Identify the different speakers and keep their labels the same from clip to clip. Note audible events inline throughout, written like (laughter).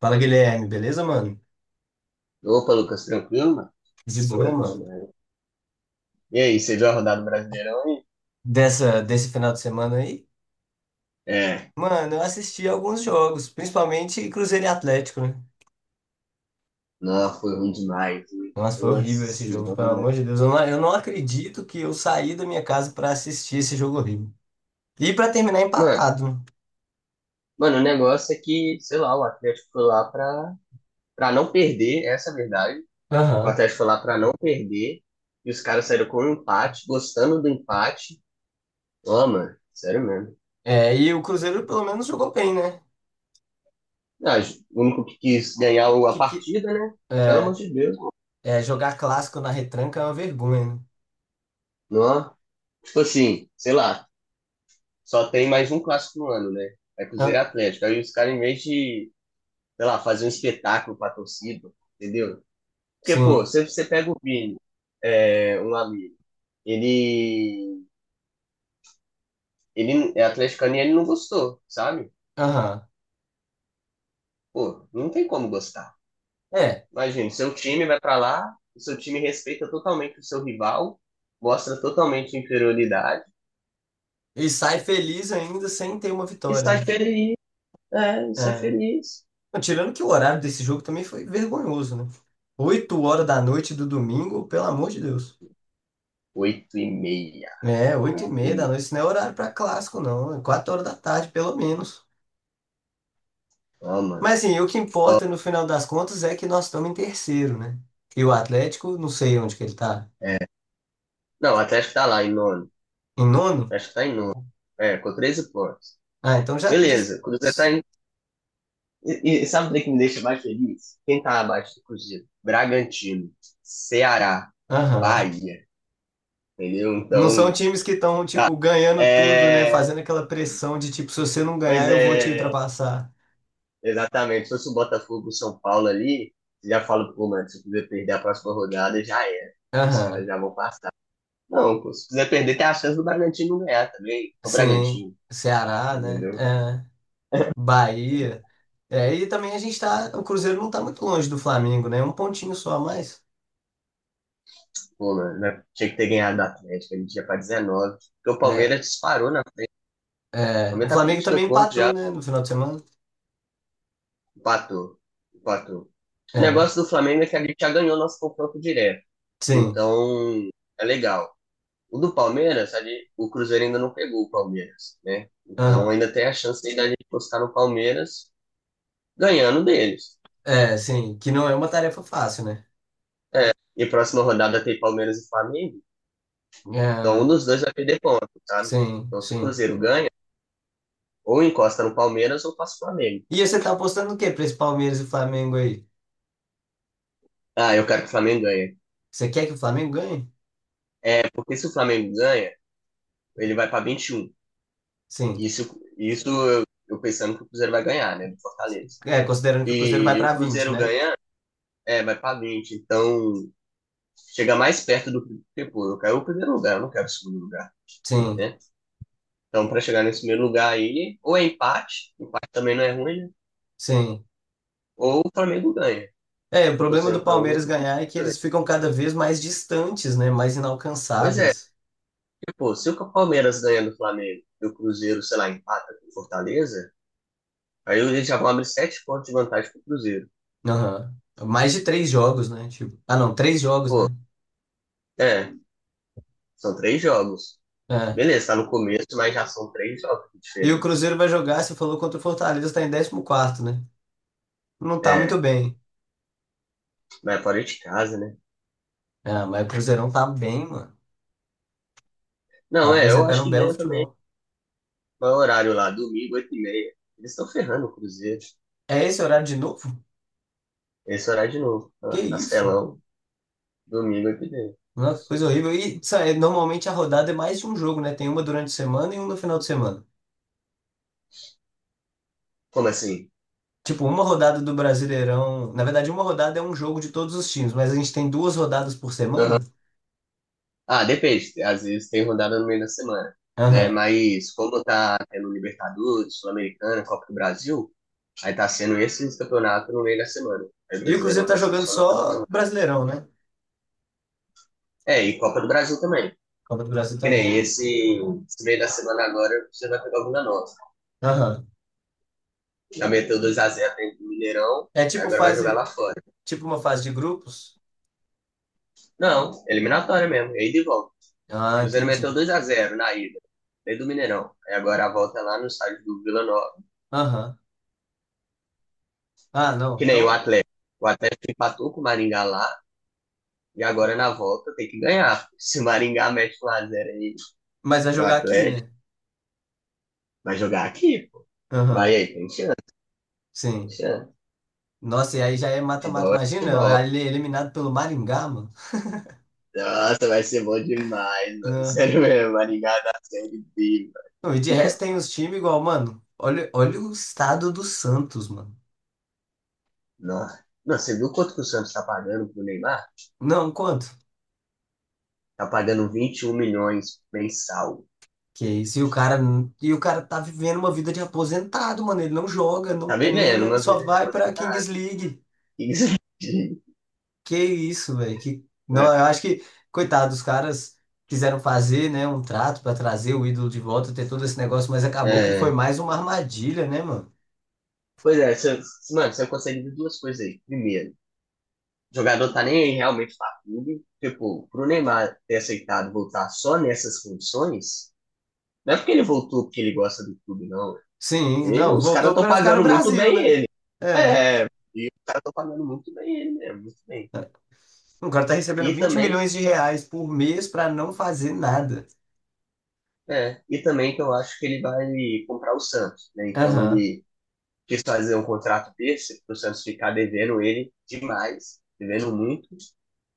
Speaker 1: Fala, Guilherme, beleza, mano?
Speaker 2: Opa, Lucas, tranquilo, mano?
Speaker 1: De boa,
Speaker 2: Tranquilo,
Speaker 1: mano.
Speaker 2: mano. E aí, você viu a rodada do Brasileirão aí?
Speaker 1: Desse final de semana aí,
Speaker 2: É.
Speaker 1: mano, eu assisti alguns jogos, principalmente Cruzeiro e Atlético, né?
Speaker 2: Nossa, foi ruim demais, hein?
Speaker 1: Nossa, foi
Speaker 2: Nossa
Speaker 1: horrível esse jogo, pelo
Speaker 2: senhora.
Speaker 1: amor de Deus. Eu não acredito que eu saí da minha casa pra assistir esse jogo horrível. E pra terminar
Speaker 2: Mano,
Speaker 1: empatado, né?
Speaker 2: mano, o negócio é que, sei lá, o Atlético foi lá pra não perder, essa é a verdade. O
Speaker 1: Aham.
Speaker 2: Atlético foi lá pra não perder, e os caras saíram com um empate, gostando do empate. Ó, mano, sério mesmo.
Speaker 1: É, e o Cruzeiro pelo menos jogou bem, né?
Speaker 2: Ah, o único que quis ganhar a
Speaker 1: Que, que,
Speaker 2: partida, né? Pelo amor
Speaker 1: é,
Speaker 2: de Deus.
Speaker 1: jogar clássico na retranca é uma vergonha, né?
Speaker 2: Não, tipo assim, sei lá, só tem mais um clássico no ano, né? É Cruzeiro e
Speaker 1: Ah,
Speaker 2: Atlético. Aí os caras, em vez de, sei lá, fazer um espetáculo pra torcida, entendeu? Porque, pô,
Speaker 1: sim.
Speaker 2: se você pega o Vini, é, um amigo, ele, ele é atleticano e ele não gostou, sabe?
Speaker 1: Aham.
Speaker 2: Pô, não tem como gostar.
Speaker 1: É.
Speaker 2: Imagina, seu time vai pra lá, o seu time respeita totalmente o seu rival, mostra totalmente inferioridade
Speaker 1: E sai feliz ainda sem ter uma
Speaker 2: e
Speaker 1: vitória,
Speaker 2: sai
Speaker 1: né?
Speaker 2: feliz, é, e sai
Speaker 1: É.
Speaker 2: feliz.
Speaker 1: Não, tirando que o horário desse jogo também foi vergonhoso, né? 8 horas da noite do domingo, pelo amor de Deus.
Speaker 2: Oito e meia,
Speaker 1: É, oito e
Speaker 2: oito e
Speaker 1: meia
Speaker 2: meia,
Speaker 1: da noite, isso não é horário pra clássico, não. É 4 horas da tarde, pelo menos.
Speaker 2: ó, mano.
Speaker 1: Mas assim, o que importa no final das contas é que nós estamos em terceiro, né? E o Atlético, não sei onde que ele tá.
Speaker 2: É. Não, o Atlético tá lá em nono.
Speaker 1: Em nono?
Speaker 2: Acho que tá em nono. É, com 13 pontos.
Speaker 1: Ah, então já.
Speaker 2: Beleza, o Cruzeiro tá em. E sabe o que me deixa mais feliz? Quem tá abaixo do Cruzeiro? Bragantino, Ceará,
Speaker 1: Aham.
Speaker 2: Bahia, entendeu?
Speaker 1: Não são
Speaker 2: Então,
Speaker 1: times que estão, tipo, ganhando tudo, né?
Speaker 2: é.
Speaker 1: Fazendo aquela pressão de, tipo, se você não
Speaker 2: Pois
Speaker 1: ganhar, eu vou te
Speaker 2: é,
Speaker 1: ultrapassar.
Speaker 2: exatamente. Se fosse o Botafogo, o São Paulo ali, você já fala, pô, mano, se o Cruzeiro perder a próxima rodada, já é. Os caras
Speaker 1: Aham.
Speaker 2: já vão passar. Não, pô, se quiser perder, tem a chance do Bragantino ganhar também. É o
Speaker 1: Sim.
Speaker 2: Bragantino,
Speaker 1: Ceará, né?
Speaker 2: entendeu?
Speaker 1: É. Bahia. É, e também a gente tá. O Cruzeiro não tá muito longe do Flamengo, né? Um pontinho só a mais.
Speaker 2: Pô, mano, né? Tinha que ter ganhado do Atlético, a gente ia pra 19. Porque o
Speaker 1: É,
Speaker 2: Palmeiras disparou, né? O
Speaker 1: é, o
Speaker 2: Palmeiras tá com
Speaker 1: Flamengo
Speaker 2: 22
Speaker 1: também
Speaker 2: pontos
Speaker 1: empatou,
Speaker 2: já,
Speaker 1: né? No final de semana.
Speaker 2: empatou. Empatou. O
Speaker 1: É,
Speaker 2: negócio do Flamengo é que a gente já ganhou nosso confronto direto.
Speaker 1: sim.
Speaker 2: Então, é legal. O do Palmeiras, ali, o Cruzeiro ainda não pegou o Palmeiras, né? Então
Speaker 1: Aham.
Speaker 2: ainda tem a chance aí da gente postar no Palmeiras ganhando deles.
Speaker 1: É, sim. Que não é uma tarefa fácil, né?
Speaker 2: É, e próxima rodada tem Palmeiras e Flamengo. Então um
Speaker 1: É,
Speaker 2: dos dois vai perder ponto, sabe?
Speaker 1: sim,
Speaker 2: Então se o
Speaker 1: sim.
Speaker 2: Cruzeiro ganha, ou encosta no Palmeiras ou passa o Flamengo.
Speaker 1: E você tá apostando o quê pra esse Palmeiras e Flamengo aí?
Speaker 2: Ah, eu quero que o Flamengo ganhe.
Speaker 1: Você quer que o Flamengo ganhe?
Speaker 2: Porque se o Flamengo ganha, ele vai para 21.
Speaker 1: Sim.
Speaker 2: Isso eu pensando que o Cruzeiro vai ganhar, né? Do Fortaleza.
Speaker 1: É, considerando que o Cruzeiro vai
Speaker 2: E o
Speaker 1: pra 20,
Speaker 2: Cruzeiro
Speaker 1: né?
Speaker 2: ganha, é, vai para 20. Então, chega mais perto do que, pô, eu quero o primeiro lugar, eu não quero o segundo lugar,
Speaker 1: Sim,
Speaker 2: né? Então, para chegar nesse primeiro lugar aí, ou é empate, empate também não é ruim, né?
Speaker 1: sim.
Speaker 2: Ou o Flamengo ganha.
Speaker 1: É, o
Speaker 2: Eu tô
Speaker 1: problema do
Speaker 2: sendo para um.
Speaker 1: Palmeiras ganhar é que eles ficam cada vez mais distantes, né? Mais
Speaker 2: Pois é,
Speaker 1: inalcançáveis.
Speaker 2: porque, pô, se o Palmeiras ganha do Flamengo e o Cruzeiro, sei lá, empata com o Fortaleza, aí eles já vão abrir sete pontos de vantagem pro Cruzeiro.
Speaker 1: Aham. Mais de três jogos, né? Tipo, ah, não, três jogos,
Speaker 2: Pô,
Speaker 1: né?
Speaker 2: é, são três jogos.
Speaker 1: É.
Speaker 2: Beleza, tá no começo, mas já são três jogos de
Speaker 1: E o
Speaker 2: diferença.
Speaker 1: Cruzeiro vai jogar, você falou, contra o Fortaleza, tá em 14º, né? Não tá muito
Speaker 2: É,
Speaker 1: bem.
Speaker 2: mas é fora de casa, né?
Speaker 1: Ah, mas o Cruzeirão tá bem, mano. Tá
Speaker 2: Não, é, eu
Speaker 1: apresentando
Speaker 2: acho
Speaker 1: um
Speaker 2: que
Speaker 1: belo
Speaker 2: ganha também.
Speaker 1: futebol.
Speaker 2: Qual é o horário lá? Domingo, oito e meia. Eles estão ferrando o Cruzeiro.
Speaker 1: É esse horário de novo?
Speaker 2: Esse horário de novo.
Speaker 1: Que
Speaker 2: Ah,
Speaker 1: isso?
Speaker 2: Castelão, domingo, oito e meia.
Speaker 1: Não, que coisa horrível. E sabe, normalmente a rodada é mais de um jogo, né? Tem uma durante a semana e uma no final de semana.
Speaker 2: Como assim?
Speaker 1: Tipo, uma rodada do Brasileirão. Na verdade, uma rodada é um jogo de todos os times, mas a gente tem duas rodadas por
Speaker 2: Aham.
Speaker 1: semana.
Speaker 2: Ah, depende. Às vezes tem rodada no meio da semana, né?
Speaker 1: Aham.
Speaker 2: Mas como tá tendo Libertadores, Sul-Americana, Copa do Brasil, aí tá sendo esses campeonatos no meio da semana. Aí o
Speaker 1: E o Cruzeiro
Speaker 2: Brasileirão
Speaker 1: tá
Speaker 2: tá sendo
Speaker 1: jogando
Speaker 2: só no final.
Speaker 1: só Brasileirão, né?
Speaker 2: É, e Copa do Brasil também.
Speaker 1: Copa do Brasil
Speaker 2: Que
Speaker 1: também.
Speaker 2: nem esse meio da semana agora, você vai pegar alguma nova.
Speaker 1: Aham.
Speaker 2: Já meteu dois a zero dentro do Mineirão,
Speaker 1: É tipo
Speaker 2: agora vai jogar lá
Speaker 1: fase,
Speaker 2: fora.
Speaker 1: tipo uma fase de grupos?
Speaker 2: Não, eliminatória mesmo, e aí de volta. O
Speaker 1: Ah,
Speaker 2: Cruzeiro meteu
Speaker 1: entendi.
Speaker 2: dois a zero na ida, dentro do Mineirão. Aí agora a volta é lá no estádio do Vila Nova.
Speaker 1: Aham. Ah, não.
Speaker 2: Que nem o
Speaker 1: Então,
Speaker 2: Atlético. O Atlético empatou com o Maringá lá, e
Speaker 1: e-
Speaker 2: agora na volta tem que ganhar. Se o Maringá mete 1 a zero aí
Speaker 1: mas vai
Speaker 2: no
Speaker 1: jogar aqui,
Speaker 2: Atlético,
Speaker 1: né?
Speaker 2: vai jogar aqui, pô. Vai
Speaker 1: Aham.
Speaker 2: aí, tem chance, tem
Speaker 1: Sim.
Speaker 2: chance.
Speaker 1: Nossa, e aí já é mata-mata.
Speaker 2: Futebol é futebol.
Speaker 1: Imagina, ele é eliminado pelo Maringá, mano.
Speaker 2: Nossa, vai ser bom demais, mano. (laughs)
Speaker 1: Ah,
Speaker 2: Sério mesmo, Maringá da Série B,
Speaker 1: não, e de resto
Speaker 2: mano.
Speaker 1: tem uns times igual, mano. Olha, olha o estado do Santos, mano.
Speaker 2: Nossa. Não, você viu quanto que o Santos tá pagando pro Neymar?
Speaker 1: Não, quanto?
Speaker 2: Tá pagando 21 milhões mensal.
Speaker 1: Que isso? E o cara tá vivendo uma vida de aposentado, mano. Ele não joga, não
Speaker 2: Tá vivendo
Speaker 1: treina,
Speaker 2: uma
Speaker 1: só
Speaker 2: vida de
Speaker 1: vai pra
Speaker 2: aposentado.
Speaker 1: Kings League.
Speaker 2: (laughs) isso aqui,
Speaker 1: Que isso, velho. Não,
Speaker 2: né? (laughs)
Speaker 1: eu acho que, coitado, os caras quiseram fazer, né, um trato pra trazer o ídolo de volta, ter todo esse negócio, mas acabou que foi
Speaker 2: É.
Speaker 1: mais uma armadilha, né, mano?
Speaker 2: Pois é, você, mano, você consegue ver duas coisas aí. Primeiro, o jogador tá nem aí realmente pra clube. Tipo, pro Neymar ter aceitado voltar só nessas condições, não é porque ele voltou porque ele gosta do clube, não.
Speaker 1: Sim,
Speaker 2: E
Speaker 1: não,
Speaker 2: os caras
Speaker 1: voltou
Speaker 2: estão
Speaker 1: pra ficar no
Speaker 2: pagando muito
Speaker 1: Brasil,
Speaker 2: bem
Speaker 1: né?
Speaker 2: ele.
Speaker 1: É.
Speaker 2: É, e os caras estão pagando muito bem ele mesmo, muito bem.
Speaker 1: O cara tá recebendo
Speaker 2: E
Speaker 1: 20
Speaker 2: também,
Speaker 1: milhões de reais por mês pra não fazer nada.
Speaker 2: e também que eu acho que ele vai comprar o Santos, né? Então
Speaker 1: Aham,
Speaker 2: ele quis fazer um contrato desse para o Santos ficar devendo ele demais, devendo muito.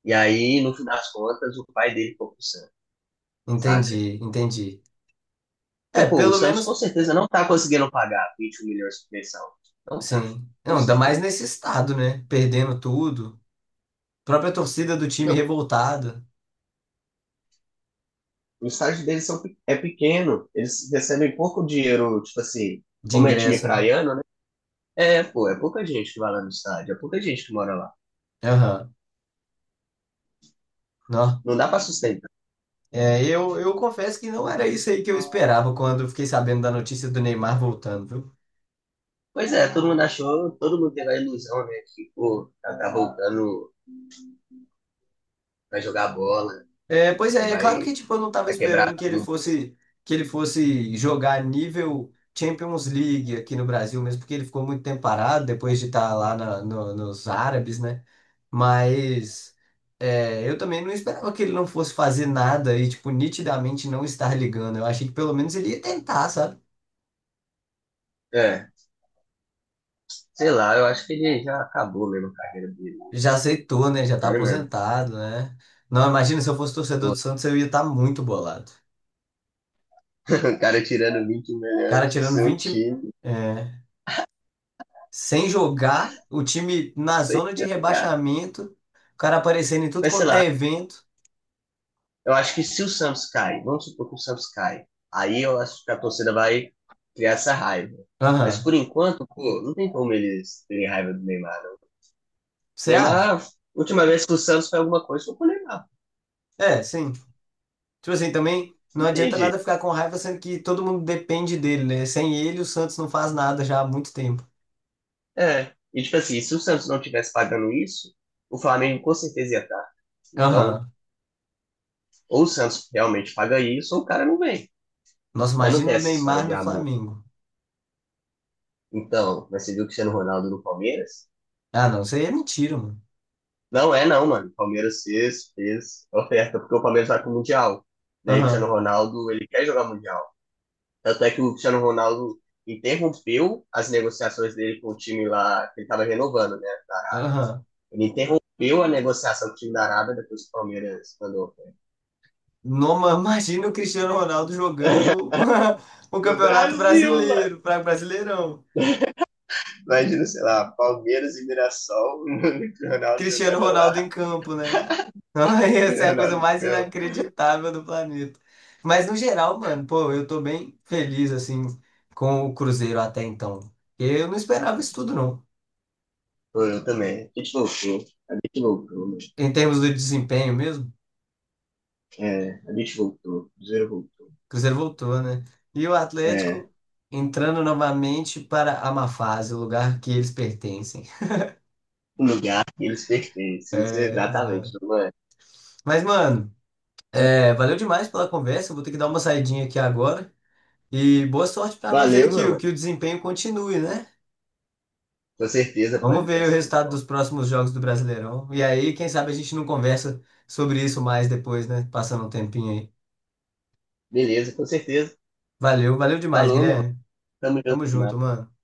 Speaker 2: E aí, no fim das contas, o pai dele foi pro Santos, saca?
Speaker 1: entendi, entendi. É,
Speaker 2: Porque, pô, o
Speaker 1: pelo
Speaker 2: Santos com
Speaker 1: menos,
Speaker 2: certeza não tá conseguindo pagar 21 milhões de pensão. Não tá.
Speaker 1: sim.
Speaker 2: Com
Speaker 1: Não, ainda
Speaker 2: certeza.
Speaker 1: mais nesse estado, né? Perdendo tudo. Própria torcida do time revoltada
Speaker 2: O estágio deles são, é pequeno, eles recebem pouco dinheiro, tipo assim,
Speaker 1: de
Speaker 2: como é time
Speaker 1: ingresso, né?
Speaker 2: praiano, né? É, pô, é pouca gente que vai lá no estádio, é pouca gente que mora lá.
Speaker 1: Aham. Não,
Speaker 2: Não dá pra sustentar.
Speaker 1: é, eu confesso que não era isso aí que eu esperava quando eu fiquei sabendo da notícia do Neymar voltando, viu?
Speaker 2: Pois é, todo mundo achou, todo mundo teve a ilusão, né, que, pô, tá, tá voltando, vai jogar bola,
Speaker 1: É, pois
Speaker 2: né,
Speaker 1: é, é claro que
Speaker 2: vai,
Speaker 1: tipo, eu não estava
Speaker 2: vai quebrar
Speaker 1: esperando que ele
Speaker 2: tudo.
Speaker 1: fosse jogar nível Champions League aqui no Brasil, mesmo porque ele ficou muito tempo parado depois de estar lá nos Árabes, né? Mas eu também não esperava que ele não fosse fazer nada e, tipo, nitidamente não estar ligando. Eu achei que pelo menos ele ia tentar, sabe?
Speaker 2: É, sei lá, eu acho que ele já acabou mesmo a carreira dele.
Speaker 1: Já aceitou, né? Já tá
Speaker 2: Sério mesmo.
Speaker 1: aposentado, né? Não, imagina se eu fosse torcedor do Santos, eu ia estar muito bolado.
Speaker 2: (laughs) o cara tirando 20
Speaker 1: O
Speaker 2: milhões
Speaker 1: cara
Speaker 2: do
Speaker 1: tirando
Speaker 2: seu
Speaker 1: 20,
Speaker 2: time,
Speaker 1: é, sem jogar, o time na zona de
Speaker 2: cara.
Speaker 1: rebaixamento, o cara aparecendo em tudo
Speaker 2: Mas sei
Speaker 1: quanto
Speaker 2: lá,
Speaker 1: é evento.
Speaker 2: eu acho que se o Santos cai, vamos supor que o Santos cai, aí eu acho que a torcida vai criar essa raiva. Mas
Speaker 1: Aham.
Speaker 2: por enquanto, pô, não tem como eles terem raiva do Neymar, não.
Speaker 1: Você acha?
Speaker 2: Neymar, última vez que o Santos fez alguma coisa, foi com o Neymar.
Speaker 1: É, sim. Tipo assim, também não
Speaker 2: Não tem
Speaker 1: adianta nada
Speaker 2: jeito.
Speaker 1: ficar com raiva, sendo que todo mundo depende dele, né? Sem ele, o Santos não faz nada já há muito tempo.
Speaker 2: É. E tipo assim, se o Santos não tivesse pagando isso, o Flamengo com certeza ia estar. Então,
Speaker 1: Aham.
Speaker 2: ou o Santos realmente paga isso, ou o cara não vem.
Speaker 1: Nossa,
Speaker 2: Mas não tem
Speaker 1: imagina o
Speaker 2: essa história
Speaker 1: Neymar
Speaker 2: de
Speaker 1: no
Speaker 2: amor.
Speaker 1: Flamengo.
Speaker 2: Então, mas você viu o Cristiano Ronaldo no Palmeiras?
Speaker 1: Ah, não, isso aí é mentira, mano.
Speaker 2: Não é não, mano. O Palmeiras fez oferta, porque o Palmeiras vai pro Mundial. Daí o Cristiano
Speaker 1: Aham.
Speaker 2: Ronaldo, ele quer jogar Mundial. Tanto é que o Cristiano Ronaldo interrompeu as negociações dele com o time lá, que ele tava renovando, né, da Arábia.
Speaker 1: Aham.
Speaker 2: Ele interrompeu a negociação com o time da Arábia depois que o Palmeiras mandou a oferta.
Speaker 1: Noma, (laughs) imagina o Cristiano Ronaldo jogando
Speaker 2: (laughs)
Speaker 1: (laughs) o
Speaker 2: No
Speaker 1: Campeonato
Speaker 2: Brasil, mano.
Speaker 1: Brasileiro, para Brasileirão.
Speaker 2: Imagina, sei lá, Palmeiras e Mirassol, (laughs) o Cristiano Ronaldo
Speaker 1: Cristiano
Speaker 2: jogando
Speaker 1: Ronaldo
Speaker 2: lá,
Speaker 1: em campo, né?
Speaker 2: e o Cristiano
Speaker 1: (laughs) Essa é a coisa
Speaker 2: Ronaldo em
Speaker 1: mais
Speaker 2: campo.
Speaker 1: inacreditável do planeta. Mas no geral, mano, pô, eu tô bem feliz assim com o Cruzeiro até então. Eu não esperava isso tudo, não.
Speaker 2: Pô, eu também. A gente loucou, mano.
Speaker 1: Em termos do desempenho mesmo,
Speaker 2: É, a gente voltou, o Cruzeiro voltou.
Speaker 1: o Cruzeiro voltou, né? E o
Speaker 2: É,
Speaker 1: Atlético entrando novamente para a má fase, o lugar que eles pertencem.
Speaker 2: um lugar que eles pertencem, isso é
Speaker 1: (laughs)
Speaker 2: exatamente,
Speaker 1: Exato.
Speaker 2: não é?
Speaker 1: Mas, mano.
Speaker 2: Mas
Speaker 1: É, valeu demais pela conversa. Eu vou ter que dar uma saidinha aqui agora. E boa sorte para nós aí
Speaker 2: valeu,
Speaker 1: que,
Speaker 2: meu mano.
Speaker 1: que o desempenho continue, né?
Speaker 2: Com certeza, pode, a
Speaker 1: Vamos
Speaker 2: gente vai
Speaker 1: ver o
Speaker 2: ser
Speaker 1: resultado
Speaker 2: campeão.
Speaker 1: dos próximos jogos do Brasileirão. E aí, quem sabe a gente não conversa sobre isso mais depois, né? Passando um tempinho aí.
Speaker 2: Beleza, com certeza.
Speaker 1: Valeu, valeu demais,
Speaker 2: Falou, meu mano.
Speaker 1: Guilherme.
Speaker 2: Tamo
Speaker 1: Tamo
Speaker 2: junto demais.
Speaker 1: junto, mano.